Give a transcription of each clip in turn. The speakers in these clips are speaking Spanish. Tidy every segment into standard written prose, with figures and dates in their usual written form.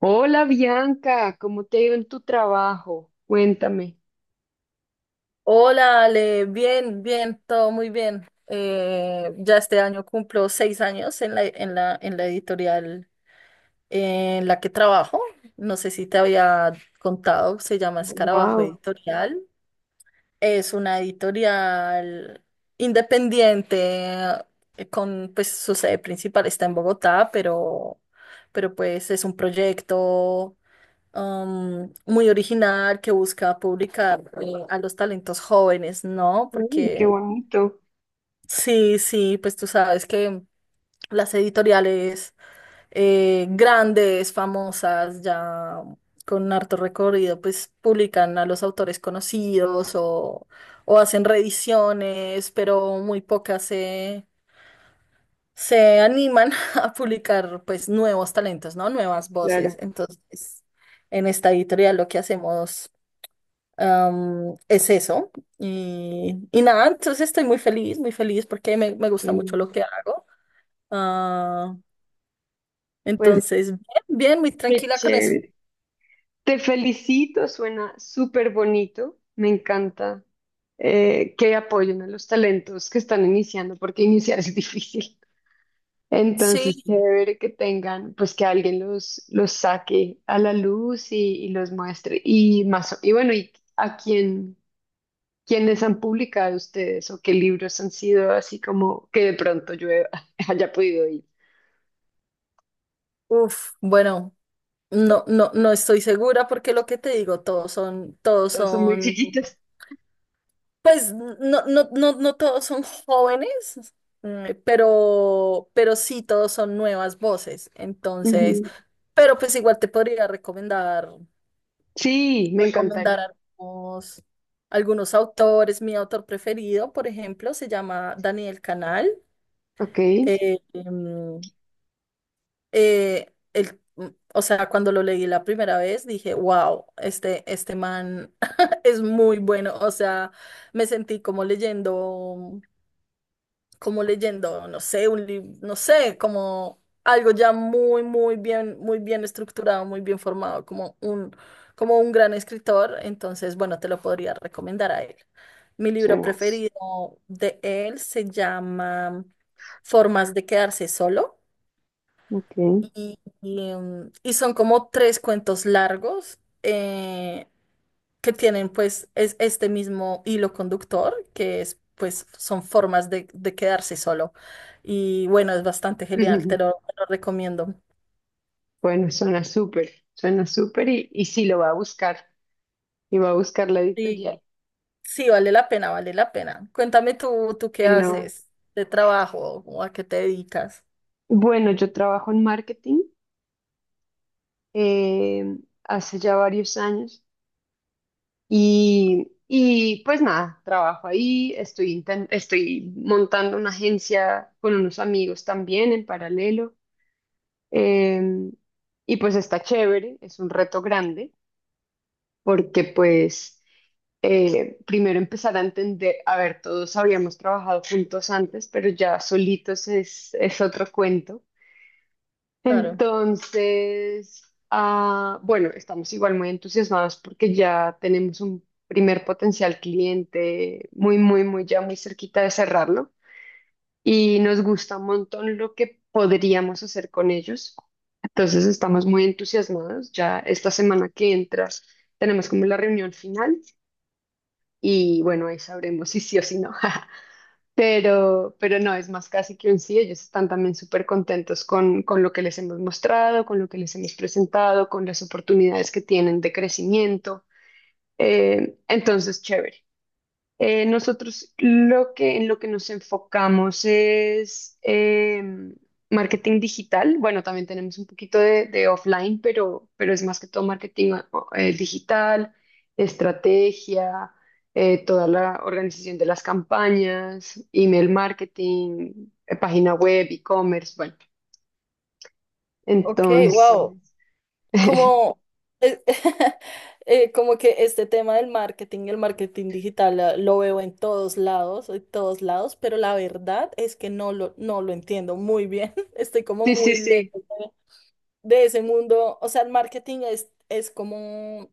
Hola Bianca, ¿cómo te ha ido en tu trabajo? Cuéntame. Hola, Ale, bien, bien, todo muy bien. Ya este año cumplo seis años en la editorial en la que trabajo. No sé si te había contado. Se llama Escarabajo Wow, Editorial. Es una editorial independiente, con, pues su sede principal está en Bogotá, pero pues es un proyecto muy original que busca publicar a los talentos jóvenes, ¿no? qué Porque bonito, sí, sí, pues tú sabes que las editoriales grandes, famosas, ya con harto recorrido, pues publican a los autores conocidos o hacen reediciones, pero muy pocas se animan a publicar pues nuevos talentos, ¿no? Nuevas voces. claro. Entonces, en esta editorial lo que hacemos es eso. Y nada, entonces estoy muy feliz porque me gusta mucho lo Mm. que hago. Ah, Pues entonces, bien, bien, muy qué tranquila con eso. chévere. Te felicito, suena súper bonito. Me encanta que apoyen a los talentos que están iniciando, porque iniciar es difícil. Entonces, Sí, chévere que tengan, pues que alguien los saque a la luz y los muestre. Y más, y bueno, y a quién. ¿Quiénes han publicado ustedes o qué libros han sido así como que de pronto yo he- haya podido ir? uff, bueno, no, no, no estoy segura porque lo que te digo, Todos son muy chiquitos. pues no, no, no, no todos son jóvenes, pero sí todos son nuevas voces. Entonces, Ujú. pero pues igual te podría Sí, me recomendar encantaría. algunos, algunos autores. Mi autor preferido, por ejemplo, se llama Daniel Canal. Ok, Eh, em, eh, el- mm, o sea, cuando lo leí la primera vez dije, wow, este man es muy bueno. O sea, me sentí como leyendo, no sé, un libro, no sé, como algo ya muy, muy bien estructurado, muy bien formado, como un gran escritor, entonces, bueno, te lo podría recomendar a él. Mi libro suenas. preferido de él se llama Formas de quedarse solo. Ok. Y son como tres cuentos largos que tienen pues este mismo hilo conductor, que es pues son formas de quedarse solo. Y bueno, es bastante genial, Ujú. Te lo recomiendo. Bueno, suena súper y sí lo va a buscar, y va a buscar la Sí, editorial. sí, vale la pena, vale la pena. Cuéntame tú qué Que no. haces de trabajo o a qué te dedicas. Bueno, yo trabajo en marketing eh, hace ya varios años. Y pues nada, trabajo ahí, estoy, estoy montando una agencia con unos amigos también en paralelo. em, y pues está chévere, es un reto grande, porque pues primero empezar a entender, a ver, todos habíamos trabajado juntos antes, pero ya solitos es otro cuento. Claro. Entonces, bueno, estamos igual muy entusiasmados porque ya tenemos un primer potencial cliente muy, muy, muy, ya muy cerquita de cerrarlo y nos gusta un montón lo que podríamos hacer con ellos. Entonces, estamos muy entusiasmados. Ya esta semana que entra tenemos como la reunión final y bueno, ahí sabremos si sí o si no. Pero no, es más casi que un sí. Ellos están también súper contentos con lo que les hemos mostrado, con lo que les hemos presentado, con las oportunidades que tienen de crecimiento. Entonces, chévere. Nosotros lo que en lo que nos enfocamos es marketing digital. Bueno, también tenemos un poquito de offline, pero es más que todo digital, estrategia, toda la organización de las campañas, email marketing, página web, e-commerce. Bueno, Ok, entonces, wow. Como, eh, como que este tema del marketing, y el marketing digital, lo veo en todos lados, pero la verdad es que no lo entiendo muy bien. Estoy como sí, sí, muy sí. lejos de ese mundo. O sea, el marketing es como,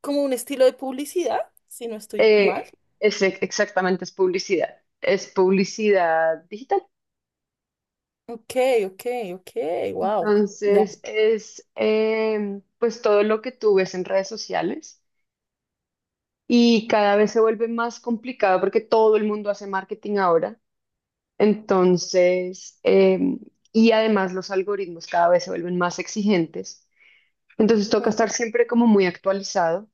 como un estilo de publicidad, si no estoy mal. Exactamente, es publicidad. Es publicidad digital. Ok, ok, ok, wow. Ya. Entonces es pues todo lo que tú ves en redes sociales y cada vez se vuelve más complicado porque todo el mundo hace marketing ahora. Entonces, y además los algoritmos cada vez se vuelven más exigentes. Entonces toca Ujú, estar siempre como muy actualizado,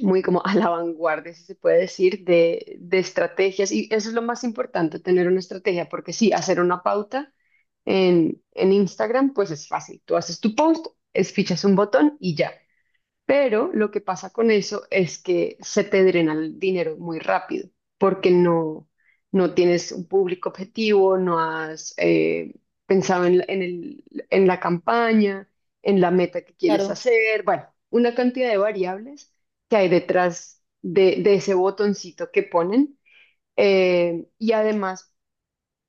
muy como a la vanguardia, si se puede decir, de estrategias. Y eso es lo más importante, tener una estrategia, porque sí, hacer una pauta. En Instagram, pues es fácil. Tú haces tu post, es, fichas un botón y ya. Pero lo que pasa con eso es que se te drena el dinero muy rápido porque no, no tienes un público objetivo, no has pensado en, en el, en la campaña, en la meta que quieres claro, hacer. Bueno, una cantidad de variables que hay detrás de ese botoncito que ponen. Y además,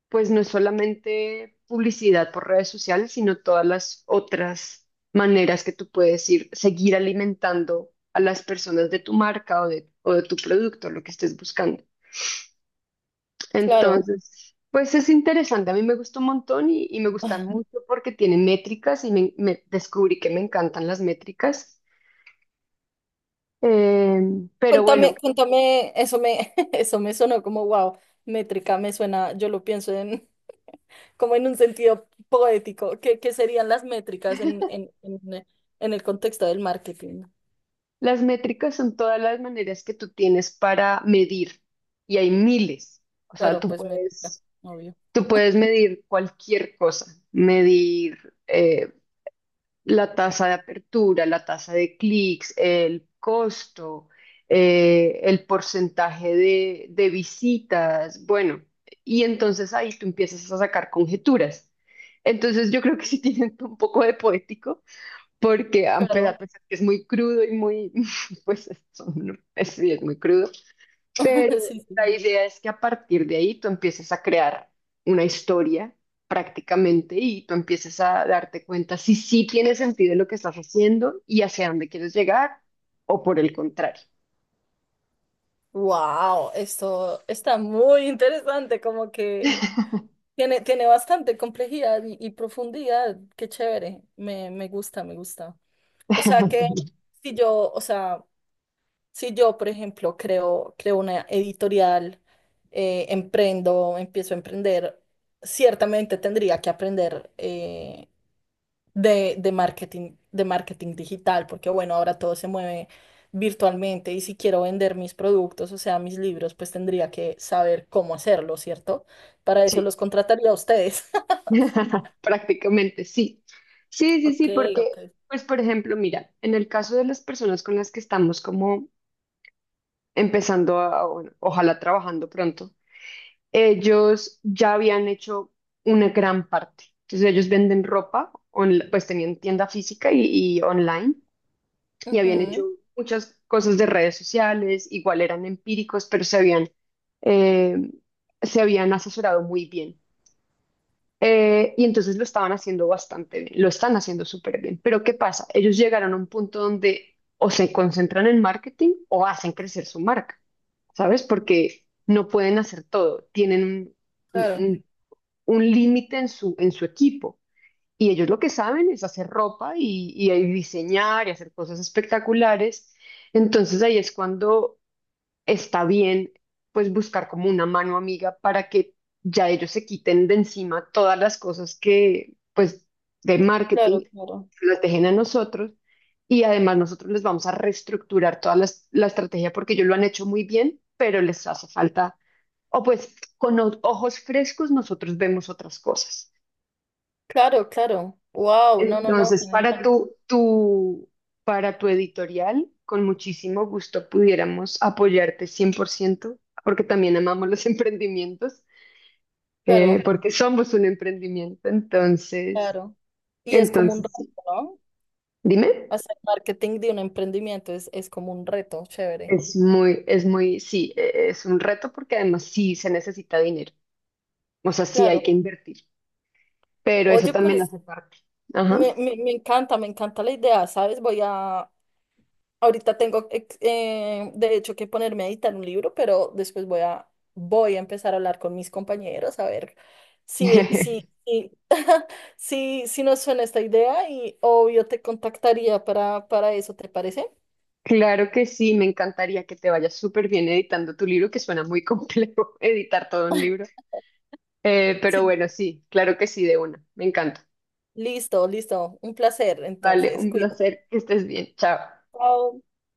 pues no es solamente publicidad por redes sociales, sino todas las otras maneras que tú puedes ir, seguir alimentando a las personas de tu marca o de tu producto, lo que estés buscando. claro. Entonces, pues es interesante, a mí me gustó un montón y me gustan mucho porque tiene métricas y descubrí que me encantan las métricas. Eh, pero Cuéntame, bueno, cuéntame, eso me, eso me sonó como wow, métrica, me suena, yo lo pienso en como en un sentido poético. ¿Qué serían las métricas en, el contexto del marketing? las métricas son todas las maneras que tú tienes para medir y hay miles. O sea, Claro, tú pues métrica, puedes obvio. tú puedes medir cualquier cosa, medir la tasa de apertura, la tasa de clics, el costo, el porcentaje de visitas, bueno, y entonces ahí tú empiezas a sacar conjeturas. Entonces yo creo que sí tienen un poco de poético, porque a Claro. pesar que es muy crudo y muy, pues, sí, es muy crudo, pero Sí, la sí. idea es que a partir de ahí tú empieces a crear una historia prácticamente y tú empieces a darte cuenta si sí tiene sentido lo que estás haciendo y hacia dónde quieres llegar o por el contrario. Wow, esto está muy interesante, como que tiene bastante complejidad y profundidad. Qué chévere. Me gusta, me gusta. O sea que si yo, o sea. Si yo, por ejemplo, creo una editorial, emprendo, empiezo a emprender, ciertamente tendría que aprender de marketing digital, porque bueno, ahora todo se mueve virtualmente y si quiero vender mis productos, o sea, mis libros, pues tendría que saber cómo hacerlo, ¿cierto? Para eso Sí, los contrataría a ustedes. prácticamente sí. Sí, sí, Ok, sí, porque, ok. pues, por ejemplo, mira, en el caso de las personas con las que estamos como empezando a, bueno, ojalá trabajando pronto ellos ya habían hecho una gran parte. Entonces ellos venden ropa, pues tenían tienda física y online y habían Ujú, hecho muchas cosas de redes sociales, igual eran empíricos, pero eh, se habían asesorado muy bien. Y entonces lo estaban haciendo bastante bien, lo están haciendo súper bien. Pero ¿qué pasa? Ellos llegaron a un punto donde o se concentran en marketing o hacen crecer su marca, ¿sabes? Porque no pueden hacer todo, tienen un- claro, un- un límite en su equipo. Y ellos lo que saben es hacer ropa y ahí diseñar y hacer cosas espectaculares. Entonces ahí es cuando está bien, pues buscar como una mano amiga para que ya ellos se quiten de encima todas las cosas que, pues, de marketing, claro, claro. las dejen a nosotros. Y además nosotros les vamos a reestructurar toda la estrategia porque ellos lo han hecho muy bien, pero les hace falta, o pues con ojos frescos nosotros vemos otras cosas. Claro, claro. Wow, no, no, no, Entonces, para genial. tu, tu, para tu editorial, con muchísimo gusto pudiéramos apoyarte 100%, porque también amamos los emprendimientos, Claro. porque somos un emprendimiento. Entonces, Claro. Y es como un entonces reto, sí. ¿no? Dime, Hacer marketing de un emprendimiento es como un reto, chévere. Es muy, sí, es un reto porque además sí se necesita dinero. O sea, sí hay Claro. que invertir, pero eso Oye, también pues hace parte. Ajá. Me encanta la idea, ¿sabes? Ahorita tengo, de hecho, que ponerme a editar un libro, pero después voy a empezar a hablar con mis compañeros a ver si, si, si, si nos suena esta idea y obvio te contactaría para eso, ¿te parece? Claro que sí, me encantaría que te vayas súper bien editando tu libro, que suena muy complejo editar todo un libro. Pero Sí. bueno, sí, claro que sí, de una. Me encanta. Listo, listo. Un placer, Vale, entonces, un cuídate. placer, que estés bien. Chao. Chao.